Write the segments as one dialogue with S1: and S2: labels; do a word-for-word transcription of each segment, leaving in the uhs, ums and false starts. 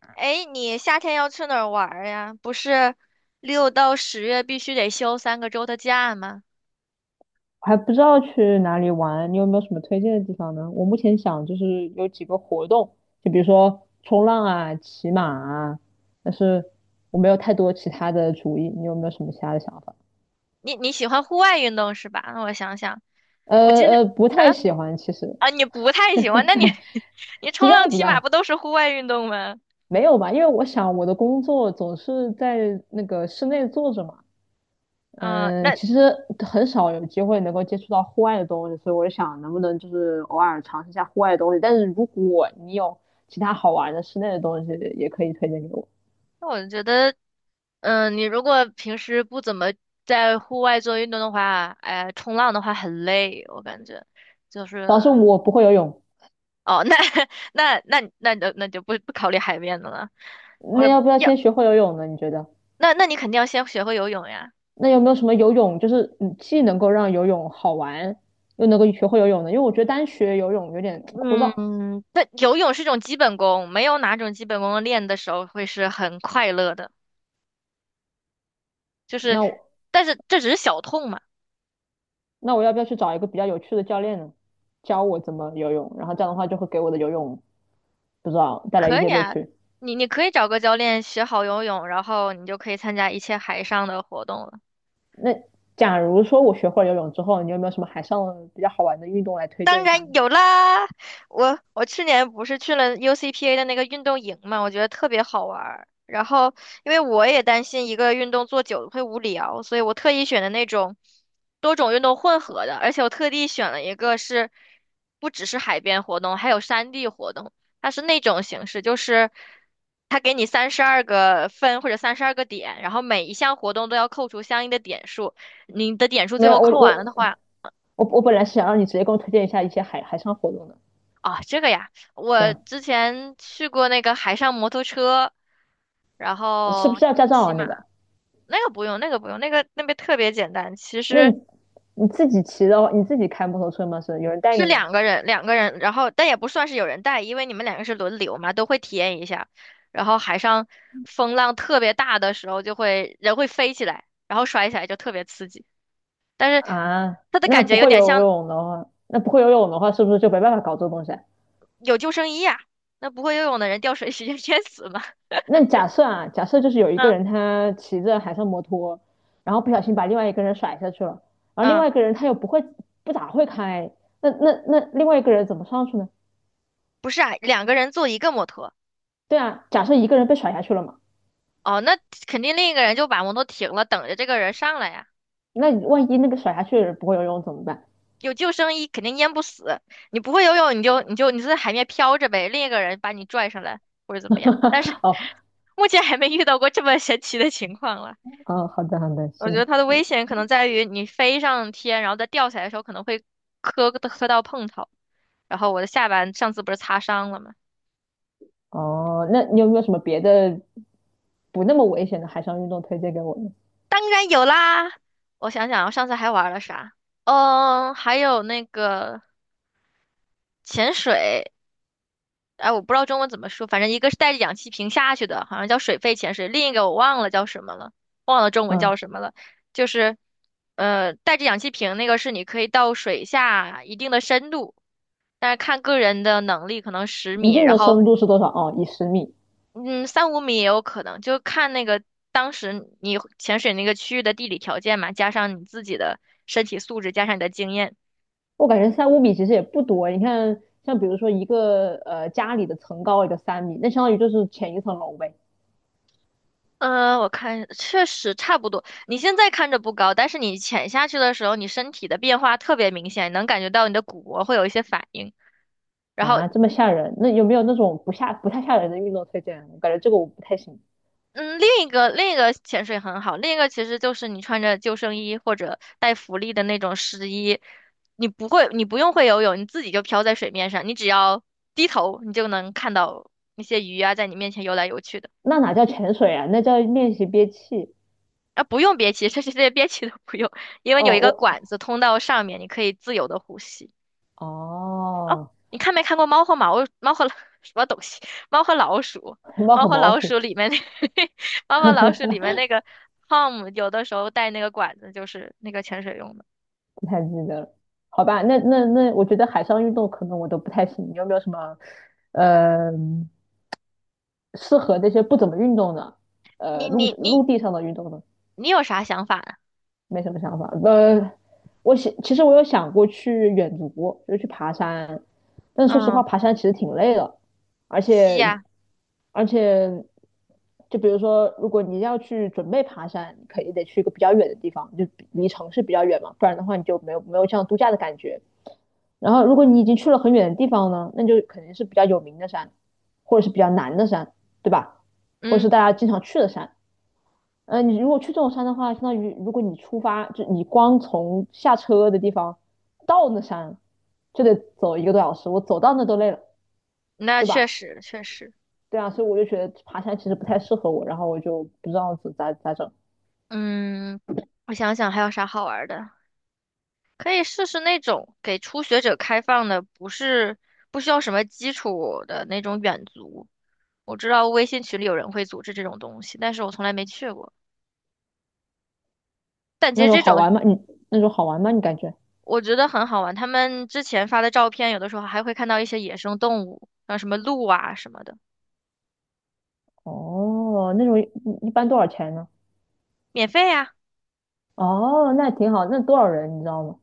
S1: 哎，你夏天要去哪儿玩儿呀？不是六到十月必须得休三个周的假吗？
S2: 还不知道去哪里玩，你有没有什么推荐的地方呢？我目前想就是有几个活动，就比如说冲浪啊、骑马啊，但是我没有太多其他的主意，你有没有什么其他的想法？
S1: 你你喜欢户外运动是吧？那我想想，
S2: 呃
S1: 我其实，
S2: 呃，不太
S1: 嗯
S2: 喜欢，其实
S1: 啊，你不太喜欢，那你 你
S2: 是这
S1: 冲浪、
S2: 样子
S1: 骑
S2: 的
S1: 马
S2: 啊。
S1: 不都是户外运动吗？
S2: 没有吧？因为我想我的工作总是在那个室内坐着嘛，
S1: 嗯、
S2: 嗯，
S1: 那
S2: 其实很少有机会能够接触到户外的东西，所以我就想能不能就是偶尔尝试一下户外的东西。但是如果你有其他好玩的室内的东西，也可以推荐给我。
S1: 那我觉得，嗯、你如果平时不怎么在户外做运动的话，哎，冲浪的话很累，我感觉就
S2: 主要是
S1: 是，
S2: 我不会游泳，
S1: 哦，那 那那那那那就不不考虑海边的了。我
S2: 那要不要先学会游泳呢？你觉得？
S1: 那那你肯定要先学会游泳呀。
S2: 那有没有什么游泳，就是嗯既能够让游泳好玩，又能够学会游泳呢？因为我觉得单学游泳有点枯燥。
S1: 嗯，那游泳是一种基本功，没有哪种基本功练的时候会是很快乐的。就是，
S2: 那我
S1: 但是这只是小痛嘛，
S2: 那我要不要去找一个比较有趣的教练呢，教我怎么游泳？然后这样的话就会给我的游泳不知道带来一
S1: 可
S2: 些
S1: 以
S2: 乐
S1: 啊。
S2: 趣。
S1: 你你可以找个教练学好游泳，然后你就可以参加一切海上的活动了。
S2: 那假如说我学会了游泳之后，你有没有什么海上比较好玩的运动来推
S1: 当
S2: 荐一下
S1: 然
S2: 呢？
S1: 有啦，我我去年不是去了 U C P A 的那个运动营嘛，我觉得特别好玩儿。然后，因为我也担心一个运动做久了会无聊，所以我特意选的那种多种运动混合的，而且我特地选了一个是不只是海边活动，还有山地活动。它是那种形式，就是它给你三十二个分或者三十二个点，然后每一项活动都要扣除相应的点数，你的点数最
S2: 没
S1: 后
S2: 有，我
S1: 扣完了的
S2: 我
S1: 话。
S2: 我我本来是想让你直接给我推荐一下一些海海上活动的。
S1: 啊，这个呀，
S2: 对
S1: 我
S2: 啊。
S1: 之前去过那个海上摩托车，然
S2: 是不
S1: 后
S2: 是要驾照
S1: 骑
S2: 啊？那个，
S1: 马，那个不用，那个不用，那个那边特别简单，其
S2: 那
S1: 实
S2: 你你自己骑的话，你自己开摩托车吗？是有人带
S1: 是
S2: 你吗？
S1: 两个人，两个人，然后但也不算是有人带，因为你们两个是轮流嘛，都会体验一下。然后海上风浪特别大的时候，就会人会飞起来，然后摔起来就特别刺激，但是
S2: 啊，
S1: 它的
S2: 那
S1: 感
S2: 不
S1: 觉有
S2: 会
S1: 点
S2: 游
S1: 像
S2: 泳的话，那不会游泳的话，是不是就没办法搞这个东西啊？
S1: 有救生衣呀、那不会游泳的人掉水直接淹死嘛。
S2: 那假设啊，假设 就是有一个
S1: 嗯
S2: 人他骑着海上摩托，然后不小心把另外一个人甩下去了，然后另
S1: 嗯，
S2: 外一个人他又不会不咋会开，那那那另外一个人怎么上去呢？
S1: 不是啊，两个人坐一个摩托。
S2: 对啊，假设一个人被甩下去了嘛，
S1: 哦，那肯定另一个人就把摩托停了，等着这个人上来呀。
S2: 那万一那个甩下去的人不会游泳怎么办？
S1: 有救生衣肯定淹不死，你不会游泳你就你就你就在海面漂着呗，另一个人把你拽上来或者怎么样。但是
S2: 哦。
S1: 目前还没遇到过这么神奇的情况了。
S2: 哦，好的好的，
S1: 我觉
S2: 行。
S1: 得它的危险可能在于你飞上天，然后再掉下来的时候可能会磕磕到碰头。然后我的下巴上次不是擦伤了吗？
S2: 哦，那你有没有什么别的不那么危险的海上运动推荐给我呢？
S1: 当然有啦，我想想啊，我上次还玩了啥？嗯，还有那个潜水。哎，我不知道中文怎么说，反正一个是带着氧气瓶下去的，好像叫水肺潜水，另一个我忘了叫什么了，忘了中文
S2: 嗯，
S1: 叫什么了。就是，呃，带着氧气瓶那个是你可以到水下一定的深度，但是看个人的能力，可能十
S2: 一
S1: 米，
S2: 定
S1: 然
S2: 的
S1: 后
S2: 深度是多少？哦，以十米。
S1: 嗯三五米也有可能，就看那个当时你潜水那个区域的地理条件嘛，加上你自己的身体素质，加上你的经验。
S2: 我感觉三五米其实也不多。你看，像比如说一个呃家里的层高也就三米，那相当于就是浅一层楼呗。
S1: 呃，我看确实差不多。你现在看着不高，但是你潜下去的时候，你身体的变化特别明显，能感觉到你的骨骼会有一些反应。然后，
S2: 啊，这么吓人？那有没有那种不吓不太吓人的运动推荐？我感觉这个我不太行。
S1: 嗯，另一个另一个潜水很好，另一个其实就是你穿着救生衣或者带浮力的那种湿衣，你不会，你不用会游泳，你自己就飘在水面上，你只要低头，你就能看到那些鱼啊在你面前游来游去的。
S2: 那哪叫潜水啊？那叫练习憋气。
S1: 啊，不用憋气，这这些憋气都不用，因为
S2: 哦，
S1: 有一个管
S2: 我
S1: 子通到上面，你可以自由的呼吸。
S2: 哦，
S1: 你看没看过《猫和毛猫和什么东西？猫和老鼠，
S2: 红包
S1: 猫
S2: 和
S1: 和
S2: 毛
S1: 老
S2: 鼠
S1: 鼠里面那 猫和老鼠里面那个 Tom 有的时候带那个管子，就是那个潜水用的。
S2: 不太记得了。好吧，那那那，我觉得海上运动可能我都不太行。你有没有什么呃适合那些不怎么运动的呃
S1: 你
S2: 陆
S1: 你你
S2: 陆地上的运动呢？
S1: 你有啥想法呢？
S2: 没什么想法。呃，我想，其实我有想过去远足，就是去爬山，但是说实话，
S1: 嗯，
S2: 爬山其实挺累的，而
S1: 吸
S2: 且
S1: 呀，
S2: 而且，就比如说，如果你要去准备爬山，你可以得去一个比较远的地方，就比离城市比较远嘛，不然的话你就没有没有这样度假的感觉。然后，如果你已经去了很远的地方呢，那就肯定是比较有名的山，或者是比较难的山，对吧？或者是
S1: 嗯，
S2: 大家经常去的山。呃，你如果去这种山的话，相当于如果你出发，就你光从下车的地方到那山，就得走一个多小时，我走到那都累了，
S1: 那
S2: 对
S1: 确
S2: 吧？
S1: 实确实，
S2: 对啊，所以我就觉得爬山其实不太适合我，然后我就不知道咋咋整。
S1: 嗯，我想想还有啥好玩儿的，可以试试那种给初学者开放的，不是不需要什么基础的那种远足。我知道微信群里有人会组织这种东西，但是我从来没去过。但其
S2: 那
S1: 实
S2: 种
S1: 这
S2: 好
S1: 种
S2: 玩吗？你那种好玩吗？你感觉？
S1: 我觉得很好玩，他们之前发的照片，有的时候还会看到一些野生动物，像什么鹿啊什么的，
S2: 哦，那种一一般多少钱呢？
S1: 免费呀、
S2: 哦，那挺好，那多少人你知道吗？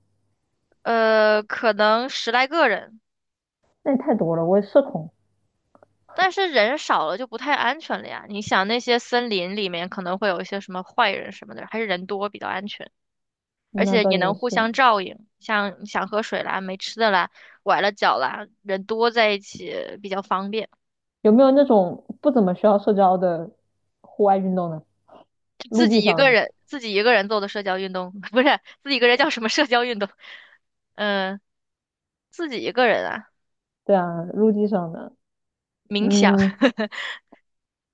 S1: 呃，可能十来个人，
S2: 那也太多了，我也社恐。
S1: 但是人少了就不太安全了呀。你想那些森林里面可能会有一些什么坏人什么的，还是人多比较安全，而
S2: 那
S1: 且
S2: 倒
S1: 也
S2: 也
S1: 能互相
S2: 是，
S1: 照应。像想喝水啦、没吃的啦、崴了脚啦，人多在一起比较方便。
S2: 有没有那种不怎么需要社交的户外运动呢？陆
S1: 自
S2: 地
S1: 己一
S2: 上
S1: 个
S2: 的？
S1: 人自己一个人做的社交运动，不是自己一个人叫什么社交运动？嗯、自己一个人啊，
S2: 对啊，陆地上的，
S1: 冥想，
S2: 嗯，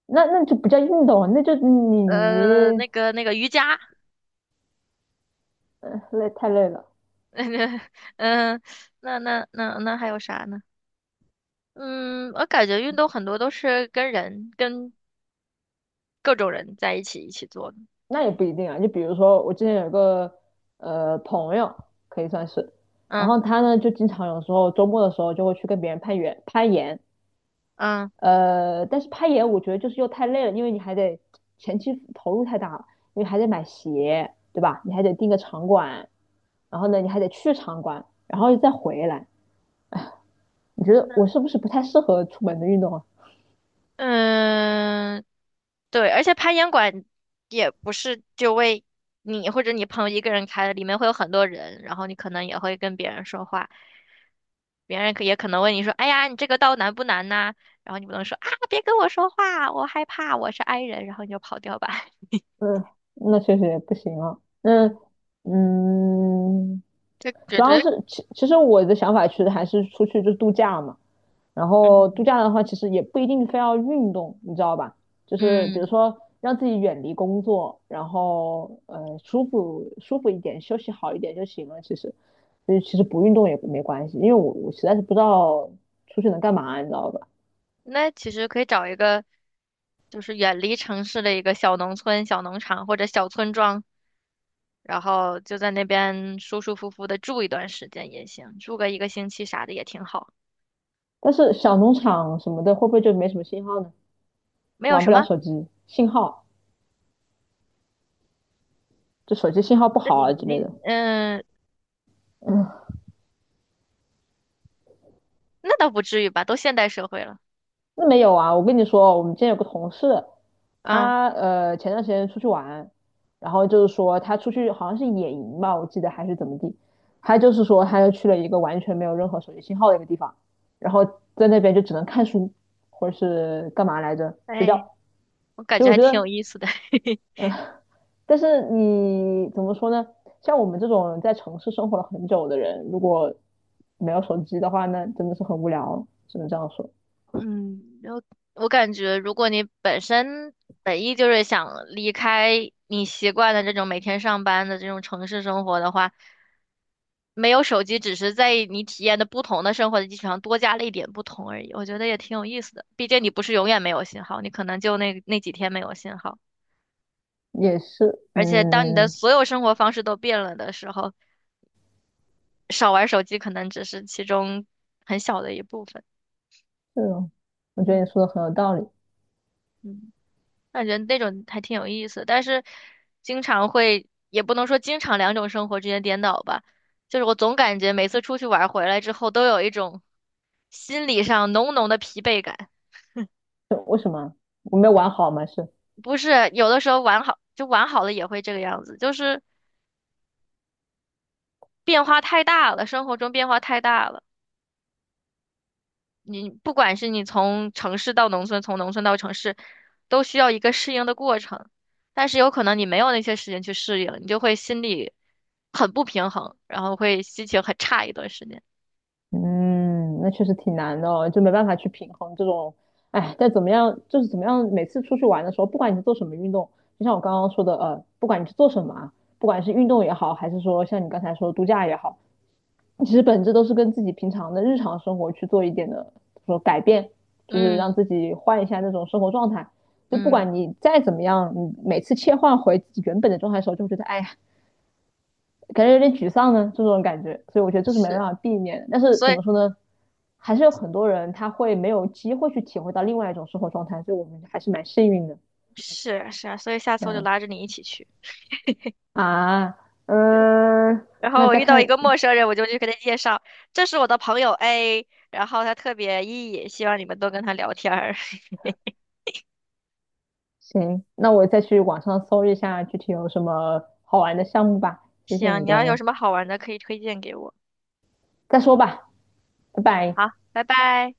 S2: 那那就不叫运动啊，那就你
S1: 呃，
S2: 你
S1: 那个那个瑜伽，
S2: 累太累了。
S1: 嗯、那那那那还有啥呢？嗯，我感觉运动很多都是跟人跟各种人在一起一起做的，
S2: 那也不一定啊。就比如说我之前有一个呃朋友，可以算是，然
S1: 嗯
S2: 后他呢就经常有时候周末的时候就会去跟别人攀岩攀岩。
S1: 嗯。
S2: 呃，但是攀岩我觉得就是又太累了，因为你还得前期投入太大了，因为还得买鞋，对吧？你还得订个场馆，然后呢你还得去场馆，然后再回来，你觉得
S1: 那
S2: 我是不是不太适合出门的运动啊？
S1: 嗯，对，而且攀岩馆也不是就为你或者你朋友一个人开的，里面会有很多人，然后你可能也会跟别人说话，别人可也可能问你说：“哎呀，你这个道难不难呐？”然后你不能说啊，别跟我说话，我害怕，我是 i 人，然后你就跑掉吧。
S2: 嗯，那确实也不行啊。那
S1: 嗯，
S2: 嗯，
S1: 这觉
S2: 主要
S1: 得
S2: 是其其实我的想法其实还是出去就度假嘛。然后度
S1: 嗯
S2: 假的话，其实也不一定非要运动，你知道吧？就是比如
S1: 嗯。
S2: 说让自己远离工作，然后呃舒服舒服一点，休息好一点就行了。其实，所以其实不运动也没关系，因为我我实在是不知道出去能干嘛，你知道吧？
S1: 那其实可以找一个，就是远离城市的一个小农村、小农场或者小村庄，然后就在那边舒舒服服的住一段时间也行，住个一个星期啥的也挺好，
S2: 但是小农场什么的会不会就没什么信号呢？
S1: 没有
S2: 玩
S1: 什
S2: 不了
S1: 么。
S2: 手机，信号。就手机信号不
S1: 那
S2: 好
S1: 你
S2: 啊之类
S1: 你
S2: 的。
S1: 嗯，
S2: 嗯，
S1: 那倒不至于吧，都现代社会了。
S2: 那没有啊，我跟你说，我们之前有个同事，
S1: 嗯，
S2: 他呃前段时间出去玩，然后就是说他出去好像是野营吧，我记得还是怎么地，他就是说他又去了一个完全没有任何手机信号的一个地方，然后在那边就只能看书或者是干嘛来着睡
S1: 哎，
S2: 觉。
S1: 我感
S2: 所以
S1: 觉
S2: 我
S1: 还
S2: 觉
S1: 挺
S2: 得，
S1: 有意思的。
S2: 但是你怎么说呢？像我们这种在城市生活了很久的人，如果没有手机的话那真的是很无聊，只能这样说。
S1: 嗯，然后我感觉，如果你本身本意就是想离开你习惯的这种每天上班的这种城市生活的话，没有手机，只是在你体验的不同的生活的基础上多加了一点不同而已。我觉得也挺有意思的，毕竟你不是永远没有信号，你可能就那那几天没有信号。
S2: 也是，
S1: 而且当你的
S2: 嗯，
S1: 所有生活方式都变了的时候，少玩手机可能只是其中很小的一部分。
S2: 是哦，我觉得
S1: 嗯
S2: 你说的很有道理。
S1: 嗯。感觉那种还挺有意思，但是经常会，也不能说经常两种生活之间颠倒吧，就是我总感觉每次出去玩儿回来之后，都有一种心理上浓浓的疲惫感。
S2: 就为什么我没有玩好嘛？是，
S1: 不是，有的时候玩好，就玩好了也会这个样子，就是变化太大了，生活中变化太大了。你不管是你从城市到农村，从农村到城市，都需要一个适应的过程。但是有可能你没有那些时间去适应，你就会心里很不平衡，然后会心情很差一段时间。
S2: 嗯，那确实挺难的哦，就没办法去平衡这种。哎，但怎么样，就是怎么样，每次出去玩的时候，不管你是做什么运动，就像我刚刚说的，呃，不管你是做什么啊，不管是运动也好，还是说像你刚才说的度假也好，其实本质都是跟自己平常的日常生活去做一点的，说改变，就是让
S1: 嗯
S2: 自己换一下那种生活状态。就不
S1: 嗯，
S2: 管你再怎么样，你每次切换回自己原本的状态的时候，就会觉得哎呀，感觉有点沮丧呢，这种感觉。所以我觉得这是没办
S1: 是，
S2: 法避免的。但是
S1: 所
S2: 怎
S1: 以
S2: 么说呢，还是有很多人他会没有机会去体会到另外一种生活状态，所以我们还是蛮幸运的。
S1: 是啊是啊，所以下
S2: 这
S1: 次我就
S2: 样
S1: 拉着你一起去。
S2: 啊，嗯、呃
S1: 然后
S2: 那
S1: 我
S2: 再
S1: 遇到一
S2: 看
S1: 个陌生人，我就去给他介绍，这是我的朋友 A，然后他特别 E，希望你们多跟他聊天儿。
S2: 行，那我再去网上搜一下具体有什么好玩的项目吧。谢谢
S1: 行，
S2: 你
S1: 你要有
S2: 的，
S1: 什么好玩的可以推荐给我。
S2: 再说吧，拜拜。
S1: 好，拜拜。